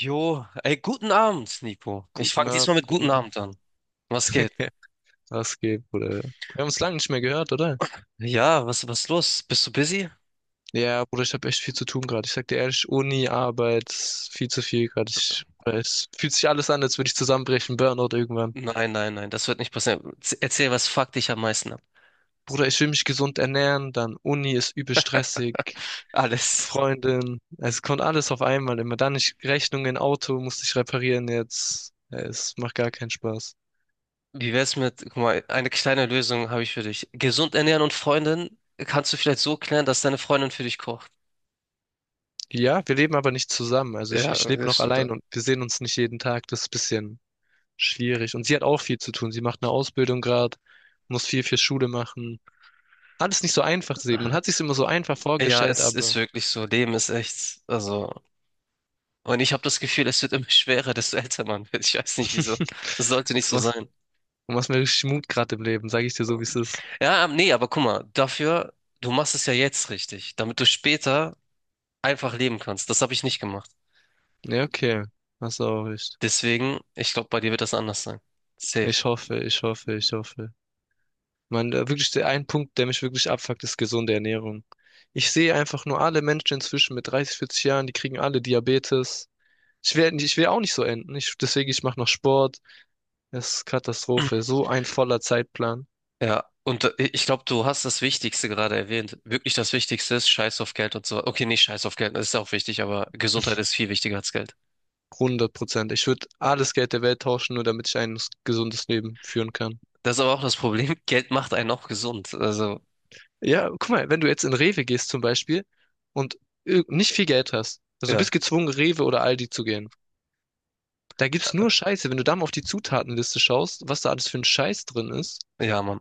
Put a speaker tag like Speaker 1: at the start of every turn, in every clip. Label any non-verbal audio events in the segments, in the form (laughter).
Speaker 1: Jo, ey, guten Abend, Nico. Ich
Speaker 2: Guten
Speaker 1: fange diesmal
Speaker 2: Abend,
Speaker 1: mit guten
Speaker 2: guten Abend.
Speaker 1: Abend an. Was geht?
Speaker 2: (laughs) Was geht, Bruder? Wir haben uns lange nicht mehr gehört, oder?
Speaker 1: Ja, was ist los? Bist du busy?
Speaker 2: Ja, Bruder, ich habe echt viel zu tun gerade. Ich sag dir ehrlich, Uni, Arbeit, viel zu viel gerade. Es fühlt sich alles an, als würde ich zusammenbrechen, Burnout irgendwann.
Speaker 1: Nein, nein, nein, das wird nicht passieren. Erzähl, was fuckt dich am meisten ab?
Speaker 2: Bruder, ich will mich gesund ernähren, dann Uni ist übel stressig,
Speaker 1: Alles.
Speaker 2: Freundin, es kommt alles auf einmal immer. Dann ich Rechnungen, Auto musste ich reparieren jetzt. Ja, es macht gar keinen Spaß.
Speaker 1: Wie wär's mit, guck mal, eine kleine Lösung habe ich für dich. Gesund ernähren und Freundin kannst du vielleicht so klären, dass deine Freundin für dich kocht.
Speaker 2: Ja, wir leben aber nicht zusammen. Also ich,
Speaker 1: Ja,
Speaker 2: ich lebe
Speaker 1: das
Speaker 2: noch
Speaker 1: stimmt.
Speaker 2: allein und wir sehen uns nicht jeden Tag. Das ist ein bisschen schwierig. Und sie hat auch viel zu tun. Sie macht eine Ausbildung gerade, muss viel für Schule machen. Alles nicht so einfach zu sehen. Man hat sich immer so einfach
Speaker 1: Ja,
Speaker 2: vorgestellt,
Speaker 1: es ist
Speaker 2: aber
Speaker 1: wirklich so. Leben ist echt, also. Und ich habe das Gefühl, es wird immer (laughs) schwerer, desto älter man wird. Ich weiß nicht wieso.
Speaker 2: (laughs)
Speaker 1: Es sollte
Speaker 2: du
Speaker 1: nicht so
Speaker 2: machst,
Speaker 1: sein.
Speaker 2: du machst mir richtig Mut gerade im Leben, sage ich dir so, wie es ist.
Speaker 1: Ja, nee, aber guck mal, dafür, du machst es ja jetzt richtig, damit du später einfach leben kannst. Das habe ich nicht gemacht.
Speaker 2: Ja, okay. Hast du auch recht.
Speaker 1: Deswegen, ich glaube, bei dir wird das anders sein. Safe.
Speaker 2: Ich hoffe, ich hoffe, ich hoffe. Man, wirklich der ein Punkt, der mich wirklich abfuckt, ist gesunde Ernährung. Ich sehe einfach nur alle Menschen inzwischen mit 30, 40 Jahren, die kriegen alle Diabetes. Ich will auch nicht so enden. Deswegen, ich mache noch Sport. Das ist Katastrophe.
Speaker 1: (clears throat)
Speaker 2: So ein voller Zeitplan.
Speaker 1: Ja, und ich glaube, du hast das Wichtigste gerade erwähnt. Wirklich das Wichtigste ist Scheiß auf Geld und so. Okay, nicht Scheiß auf Geld, das ist auch wichtig, aber Gesundheit ist viel wichtiger als Geld.
Speaker 2: 100%. Ich würde alles Geld der Welt tauschen, nur damit ich ein gesundes Leben führen kann.
Speaker 1: Das ist aber auch das Problem. (laughs) Geld macht einen auch gesund. Also,
Speaker 2: Ja, guck mal, wenn du jetzt in Rewe gehst zum Beispiel und nicht viel Geld hast, also du
Speaker 1: ja,
Speaker 2: bist gezwungen, Rewe oder Aldi zu gehen. Da gibt's nur Scheiße. Wenn du da mal auf die Zutatenliste schaust, was da alles für ein Scheiß drin ist,
Speaker 1: ja, Mann.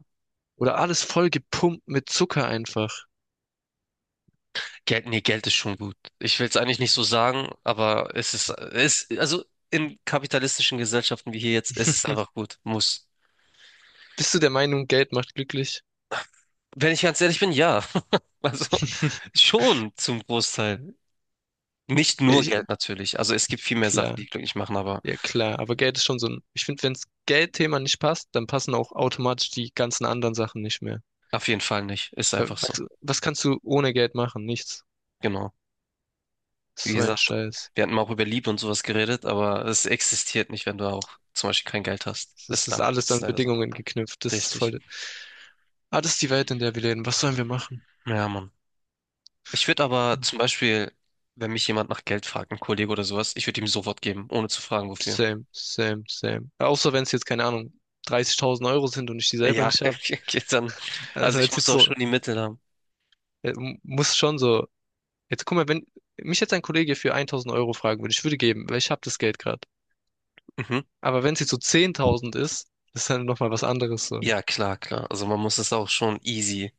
Speaker 2: oder alles voll gepumpt mit Zucker einfach.
Speaker 1: Geld, nee, Geld ist schon gut. Ich will es eigentlich nicht so sagen, aber es ist, es, also in kapitalistischen Gesellschaften wie hier jetzt, es ist einfach
Speaker 2: (laughs)
Speaker 1: gut. Muss.
Speaker 2: Bist du der Meinung, Geld macht glücklich?
Speaker 1: Wenn ich ganz ehrlich bin, ja. (laughs) Also
Speaker 2: (laughs)
Speaker 1: schon zum Großteil. Nicht nur
Speaker 2: Ich,
Speaker 1: Geld natürlich. Also es gibt viel mehr Sachen, die
Speaker 2: klar,
Speaker 1: glücklich machen, aber
Speaker 2: ja klar, aber Geld ist schon so ein, ich finde, wenns Geldthema nicht passt, dann passen auch automatisch die ganzen anderen Sachen nicht mehr.
Speaker 1: auf jeden Fall nicht. Ist
Speaker 2: Äh,
Speaker 1: einfach so.
Speaker 2: Was, was kannst du ohne Geld machen? Nichts.
Speaker 1: Genau.
Speaker 2: Das ist
Speaker 1: Wie
Speaker 2: so ein
Speaker 1: gesagt,
Speaker 2: Scheiß.
Speaker 1: wir hatten mal auch über Liebe und sowas geredet, aber es existiert nicht, wenn du auch zum Beispiel kein Geld hast.
Speaker 2: Das
Speaker 1: Ist
Speaker 2: ist
Speaker 1: da.
Speaker 2: alles
Speaker 1: Ist
Speaker 2: an
Speaker 1: leider so.
Speaker 2: Bedingungen geknüpft. Das ist
Speaker 1: Richtig.
Speaker 2: voll. Ah, das ist die Welt, in der wir leben. Was sollen wir machen?
Speaker 1: Ja, Mann. Ich würde aber zum Beispiel, wenn mich jemand nach Geld fragt, ein Kollege oder sowas, ich würde ihm sofort geben, ohne zu fragen, wofür.
Speaker 2: Same, same, same. Außer wenn es jetzt, keine Ahnung, 30.000 € sind und ich die selber
Speaker 1: Ja,
Speaker 2: nicht
Speaker 1: (laughs)
Speaker 2: habe.
Speaker 1: okay, dann. Also
Speaker 2: Also
Speaker 1: ich
Speaker 2: jetzt,
Speaker 1: muss
Speaker 2: jetzt
Speaker 1: auch
Speaker 2: so,
Speaker 1: schon die Mittel haben.
Speaker 2: muss schon so. Jetzt guck mal, wenn mich jetzt ein Kollege für 1.000 € fragen würde, ich würde geben, weil ich habe das Geld gerade.
Speaker 1: Mhm.
Speaker 2: Aber wenn es jetzt so 10.000 ist, das ist dann nochmal was anderes so.
Speaker 1: Ja, klar, klar. Also man muss es auch schon easy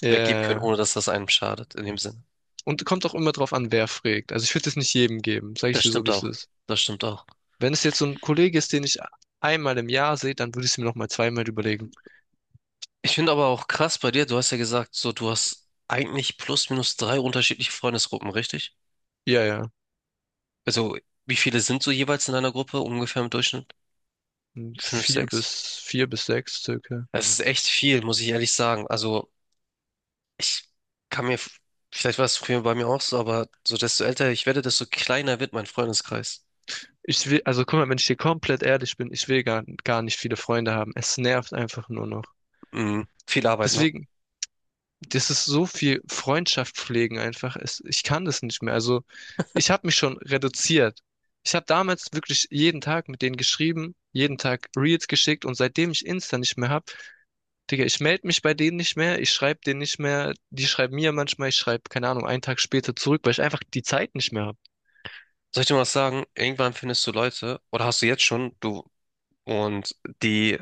Speaker 2: Ja,
Speaker 1: weggeben
Speaker 2: ja,
Speaker 1: können,
Speaker 2: ja.
Speaker 1: ohne dass das einem schadet, in dem Sinne.
Speaker 2: Und kommt auch immer drauf an, wer fragt. Also ich würde es nicht jedem geben, sage ich
Speaker 1: Das
Speaker 2: dir so,
Speaker 1: stimmt
Speaker 2: wie es
Speaker 1: auch.
Speaker 2: ist.
Speaker 1: Das stimmt auch.
Speaker 2: Wenn es jetzt so ein Kollege ist, den ich einmal im Jahr sehe, dann würde ich es mir nochmal zweimal überlegen.
Speaker 1: Ich finde aber auch krass bei dir, du hast ja gesagt, so du hast eigentlich plus minus drei unterschiedliche Freundesgruppen, richtig?
Speaker 2: Ja, ja.
Speaker 1: Also wie viele sind so jeweils in einer Gruppe ungefähr im Durchschnitt? Fünf,
Speaker 2: Vier
Speaker 1: sechs?
Speaker 2: bis, vier bis sechs circa.
Speaker 1: Das ist echt viel, muss ich ehrlich sagen. Also, ich kann mir, vielleicht war es früher bei mir auch so, aber so desto älter ich werde, desto kleiner wird mein Freundeskreis.
Speaker 2: Also guck mal, wenn ich dir komplett ehrlich bin, ich will gar, gar nicht viele Freunde haben. Es nervt einfach nur noch.
Speaker 1: Mhm. Viel Arbeit, ne?
Speaker 2: Deswegen, das ist so viel Freundschaft pflegen einfach. Ich kann das nicht mehr. Also, ich habe mich schon reduziert. Ich habe damals wirklich jeden Tag mit denen geschrieben, jeden Tag Reels geschickt und seitdem ich Insta nicht mehr habe, Digga, ich melde mich bei denen nicht mehr, ich schreibe denen nicht mehr, die schreiben mir manchmal, ich schreibe, keine Ahnung, einen Tag später zurück, weil ich einfach die Zeit nicht mehr habe.
Speaker 1: Soll ich dir mal was sagen? Irgendwann findest du Leute, oder hast du jetzt schon, du, und die,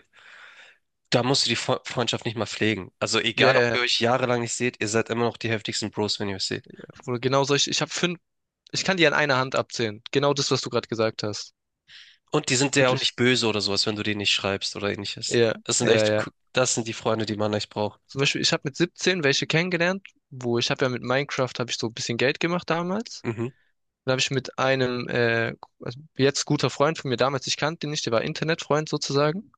Speaker 1: da musst du die Freundschaft nicht mal pflegen. Also
Speaker 2: Ja,
Speaker 1: egal, ob
Speaker 2: yeah,
Speaker 1: ihr euch jahrelang nicht seht, ihr seid immer noch die heftigsten Bros, wenn ihr euch seht.
Speaker 2: Bruder, genau ich habe fünf, ich kann die an einer Hand abzählen. Genau das, was du gerade gesagt hast.
Speaker 1: Und die sind dir auch
Speaker 2: Wirklich.
Speaker 1: nicht böse oder sowas, wenn du denen nicht schreibst oder ähnliches.
Speaker 2: Ja,
Speaker 1: Das sind
Speaker 2: ja,
Speaker 1: echt,
Speaker 2: ja.
Speaker 1: das sind die Freunde, die man echt braucht.
Speaker 2: Zum Beispiel, ich habe mit 17 welche kennengelernt, wo ich habe ja mit Minecraft, habe ich so ein bisschen Geld gemacht damals.
Speaker 1: Mhm.
Speaker 2: Dann habe ich mit einem, also jetzt guter Freund von mir damals, ich kannte ihn nicht, der war Internetfreund sozusagen.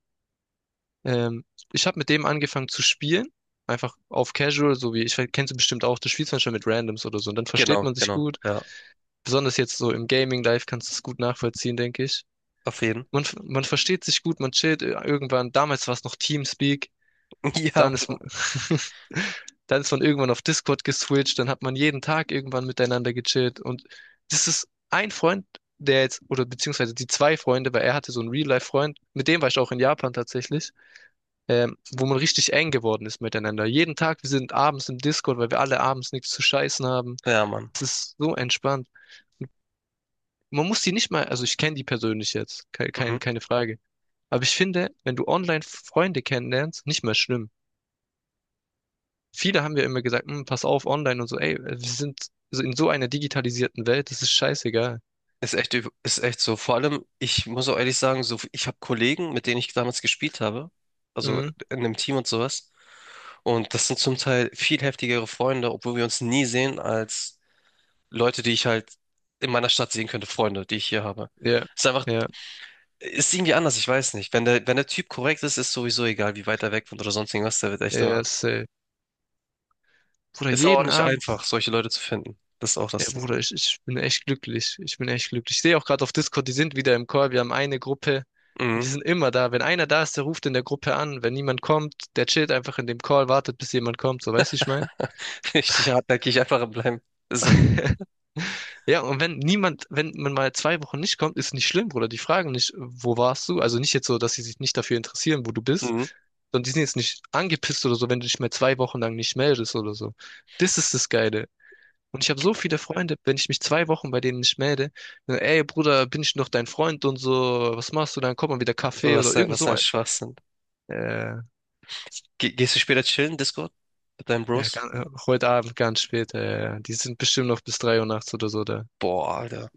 Speaker 2: Ähm, Ich habe mit dem angefangen zu spielen. Einfach auf Casual, so wie ich kennst du bestimmt auch, du spielst manchmal mit Randoms oder so und dann versteht
Speaker 1: Genau,
Speaker 2: man sich
Speaker 1: genau,
Speaker 2: gut.
Speaker 1: ja.
Speaker 2: Besonders jetzt so im Gaming-Life kannst du es gut nachvollziehen, denke ich.
Speaker 1: Auf jeden.
Speaker 2: Man, man versteht sich gut, man chillt irgendwann. Damals war es noch TeamSpeak.
Speaker 1: (laughs) Ja,
Speaker 2: Dann ist, man-
Speaker 1: Bro.
Speaker 2: (laughs) dann ist man irgendwann auf Discord geswitcht. Dann hat man jeden Tag irgendwann miteinander gechillt. Und das ist ein Freund, der jetzt, oder beziehungsweise die zwei Freunde, weil er hatte so einen Real-Life-Freund. Mit dem war ich auch in Japan tatsächlich. Wo man richtig eng geworden ist miteinander. Jeden Tag, wir sind abends im Discord, weil wir alle abends nichts zu scheißen haben.
Speaker 1: Ja, Mann.
Speaker 2: Es ist so entspannt. Man muss die nicht mal, also ich kenne die persönlich jetzt, ke-
Speaker 1: Mhm.
Speaker 2: kein, keine Frage. Aber ich finde, wenn du online Freunde kennenlernst, nicht mehr schlimm. Viele haben ja immer gesagt, "Hm, pass auf, online und so, ey, wir sind so in so einer digitalisierten Welt, das ist scheißegal."
Speaker 1: Ist echt, ist echt so. Vor allem, ich muss auch ehrlich sagen, so, ich habe Kollegen, mit denen ich damals gespielt habe, also
Speaker 2: Mhm.
Speaker 1: in einem Team und sowas. Und das sind zum Teil viel heftigere Freunde, obwohl wir uns nie sehen, als Leute, die ich halt in meiner Stadt sehen könnte, Freunde, die ich hier habe.
Speaker 2: Ja,
Speaker 1: Ist einfach,
Speaker 2: ja,
Speaker 1: ist irgendwie anders, ich weiß nicht. Wenn der, wenn der Typ korrekt ist, ist sowieso egal, wie weit er weg wohnt oder sonst irgendwas, der wird echt
Speaker 2: ja,
Speaker 1: immer.
Speaker 2: safe. Bruder,
Speaker 1: Ist aber auch
Speaker 2: jeden
Speaker 1: nicht
Speaker 2: Abend.
Speaker 1: einfach, solche Leute zu finden. Das ist auch das
Speaker 2: Ja,
Speaker 1: Ding.
Speaker 2: Bruder, ich bin echt glücklich. Ich bin echt glücklich. Ich sehe auch gerade auf Discord, die sind wieder im Call. Wir haben eine Gruppe.
Speaker 1: Mhm.
Speaker 2: Wir sind immer da. Wenn einer da ist, der ruft in der Gruppe an. Wenn niemand kommt, der chillt einfach in dem Call, wartet, bis jemand kommt. So, weißt du, wie ich meine?
Speaker 1: (laughs) Richtig hartnäckig einfach bleiben. So,
Speaker 2: (laughs) Ja, und wenn niemand, wenn man mal 2 Wochen nicht kommt, ist nicht schlimm, Bruder. Die fragen nicht, wo warst du? Also nicht jetzt so, dass sie sich nicht dafür interessieren, wo du bist,
Speaker 1: mhm.
Speaker 2: sondern die sind jetzt nicht angepisst oder so, wenn du dich mal 2 Wochen lang nicht meldest oder so. Das ist das Geile. Und ich habe so viele Freunde, wenn ich mich 2 Wochen bei denen nicht melde, dann, ey Bruder, bin ich noch dein Freund und so, was machst du? Dann kommt man wieder Kaffee
Speaker 1: Was,
Speaker 2: oder irgend
Speaker 1: was
Speaker 2: so
Speaker 1: ein
Speaker 2: ein.
Speaker 1: Schwachsinn.
Speaker 2: Äh,
Speaker 1: Ge Gehst du später chillen, Discord? Mit deinen
Speaker 2: ja,
Speaker 1: Bros?
Speaker 2: ganz, äh, heute Abend ganz spät, die sind bestimmt noch bis 3 Uhr nachts oder so da.
Speaker 1: Boah, Alter.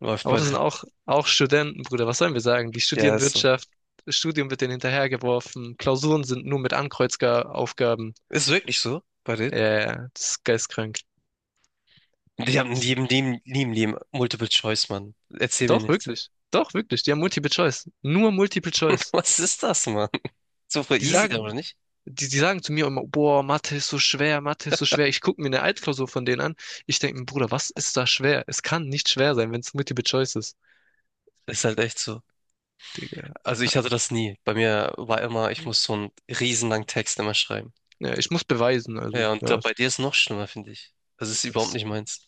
Speaker 1: Läuft
Speaker 2: Aber
Speaker 1: bei
Speaker 2: das sind
Speaker 1: denen.
Speaker 2: auch, auch Studenten, Bruder, was sollen wir sagen? Die
Speaker 1: Ja,
Speaker 2: studieren
Speaker 1: ist so.
Speaker 2: Wirtschaft, das Studium wird denen hinterhergeworfen, Klausuren sind nur mit Ankreuzaufgaben.
Speaker 1: Ist wirklich so, bei denen?
Speaker 2: Das ist geistkrank.
Speaker 1: Die haben die,
Speaker 2: Sind-
Speaker 1: die, die, die, die Multiple Choice, Mann. Erzähl mir
Speaker 2: Doch,
Speaker 1: nichts.
Speaker 2: wirklich. Doch, wirklich. Die haben Multiple Choice. Nur Multiple
Speaker 1: (laughs)
Speaker 2: Choice.
Speaker 1: Was ist das, Mann? So voll
Speaker 2: Die
Speaker 1: easy,
Speaker 2: sagen,
Speaker 1: oder nicht?
Speaker 2: die sagen zu mir immer, boah, Mathe ist so schwer, Mathe ist so schwer. Ich gucke mir eine Altklausur von denen an. Ich denke mir, Bruder, was ist da schwer? Es kann nicht schwer sein, wenn es Multiple Choice ist.
Speaker 1: Ist halt echt so.
Speaker 2: Digga.
Speaker 1: Also ich hatte das nie. Bei mir war immer, ich muss so einen riesenlangen Text immer schreiben.
Speaker 2: Ja, ich muss beweisen, also,
Speaker 1: Ja, und da,
Speaker 2: ja,
Speaker 1: bei dir ist noch schlimmer, finde ich. Das ist überhaupt
Speaker 2: das
Speaker 1: nicht meins.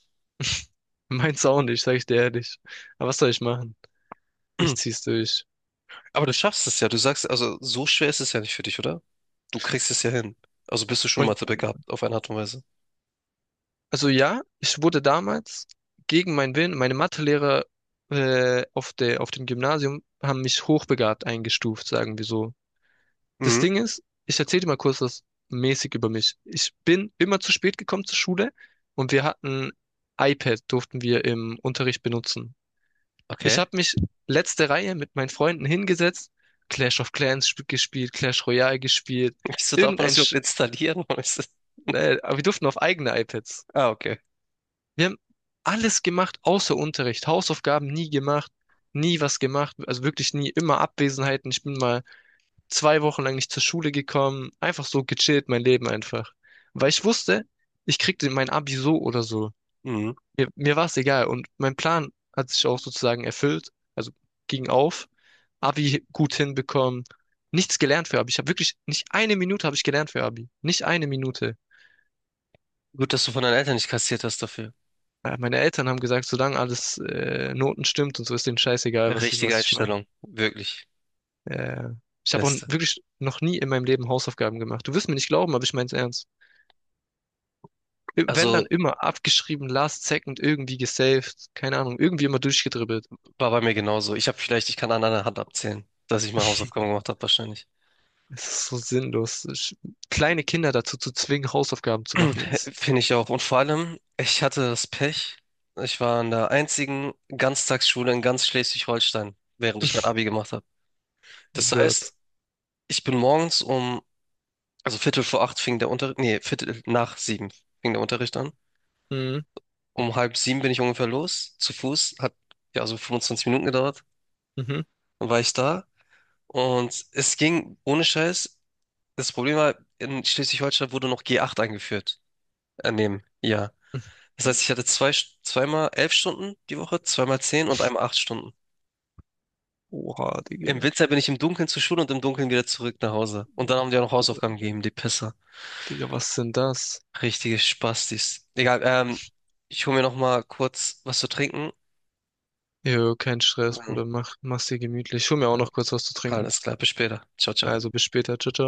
Speaker 2: meint's (laughs) auch nicht, sag ich dir ehrlich. Aber was soll ich machen? Ich zieh's
Speaker 1: (clears throat)
Speaker 2: durch.
Speaker 1: Aber du schaffst es ja. Du sagst, also so schwer ist es ja nicht für dich, oder? Du kriegst es ja hin. Also bist du schon
Speaker 2: Man,
Speaker 1: Mathe begabt, auf eine Art und Weise.
Speaker 2: also ja, ich wurde damals gegen meinen Willen, meine Mathelehrer auf dem Gymnasium haben mich hochbegabt eingestuft, sagen wir so. Das
Speaker 1: Mhm.
Speaker 2: Ding ist, ich erzähle dir mal kurz was mäßig über mich. Ich bin immer zu spät gekommen zur Schule und wir hatten iPad, durften wir im Unterricht benutzen. Ich
Speaker 1: Okay.
Speaker 2: habe mich letzte Reihe mit meinen Freunden hingesetzt, Clash of Clans gespielt, Clash Royale gespielt,
Speaker 1: Wieso darf man
Speaker 2: irgendein,
Speaker 1: das überhaupt
Speaker 2: Sch
Speaker 1: installieren? (laughs) Warum ist
Speaker 2: ne, aber wir durften auf eigene iPads.
Speaker 1: Ah, okay.
Speaker 2: Wir haben alles gemacht außer Unterricht, Hausaufgaben nie gemacht, nie was gemacht, also wirklich nie, immer Abwesenheiten. Ich bin mal 2 Wochen lang nicht zur Schule gekommen, einfach so gechillt, mein Leben einfach. Weil ich wusste, ich kriegte mein Abi so oder so.
Speaker 1: Mhm.
Speaker 2: Mir war es egal und mein Plan hat sich auch sozusagen erfüllt, also ging auf, Abi gut hinbekommen, nichts gelernt für Abi. Ich habe wirklich, nicht eine Minute habe ich gelernt für Abi, nicht eine Minute.
Speaker 1: Gut, dass du von deinen Eltern nicht kassiert hast dafür.
Speaker 2: Meine Eltern haben gesagt, solange alles Noten stimmt und so ist denen scheißegal, was ich,
Speaker 1: Richtige
Speaker 2: was ich mache.
Speaker 1: Einstellung. Wirklich.
Speaker 2: Äh, Ich habe auch
Speaker 1: Beste.
Speaker 2: wirklich noch nie in meinem Leben Hausaufgaben gemacht. Du wirst mir nicht glauben, aber ich meine es ernst. Wenn dann
Speaker 1: Also
Speaker 2: immer abgeschrieben, last second irgendwie gesaved, keine Ahnung, irgendwie immer durchgedribbelt.
Speaker 1: war bei mir genauso. Ich habe vielleicht, ich kann an einer Hand abzählen, dass ich meine Hausaufgaben gemacht habe, wahrscheinlich.
Speaker 2: Es ist so sinnlos. Kleine Kinder dazu zu zwingen, Hausaufgaben zu machen,
Speaker 1: (laughs)
Speaker 2: ist,
Speaker 1: Finde ich auch. Und vor allem, ich hatte das Pech, ich war in der einzigen Ganztagsschule in ganz Schleswig-Holstein, während ich mein
Speaker 2: (laughs)
Speaker 1: Abi gemacht habe.
Speaker 2: oh
Speaker 1: Das
Speaker 2: Gott.
Speaker 1: heißt, ich bin morgens um, also Viertel vor acht fing der Unterricht, nee, Viertel nach sieben fing der Unterricht an.
Speaker 2: Mhm,
Speaker 1: Um halb sieben bin ich ungefähr los, zu Fuß. Hat ja so 25 Minuten gedauert.
Speaker 2: mhm.
Speaker 1: Dann war ich da. Und es ging ohne Scheiß. Das Problem war, in Schleswig-Holstein wurde noch G8 eingeführt. Neben, ja. Das heißt, ich hatte zwei, zweimal 11 Stunden die Woche, zweimal zehn und einmal 8 Stunden.
Speaker 2: Oha,
Speaker 1: Im
Speaker 2: Digga.
Speaker 1: Winter bin ich im Dunkeln zur Schule und im Dunkeln wieder zurück nach Hause. Und dann haben die auch noch Hausaufgaben gegeben, die Pisser.
Speaker 2: Digga, was sind das?
Speaker 1: Richtige Spastis. Egal, ich hole mir noch mal kurz was zu trinken.
Speaker 2: Jo, kein Stress, Bruder. Mach, mach's dir gemütlich. Ich hol mir auch
Speaker 1: Ja,
Speaker 2: noch kurz was zu trinken.
Speaker 1: alles klar, bis später. Ciao, ciao.
Speaker 2: Also bis später. Ciao, ciao.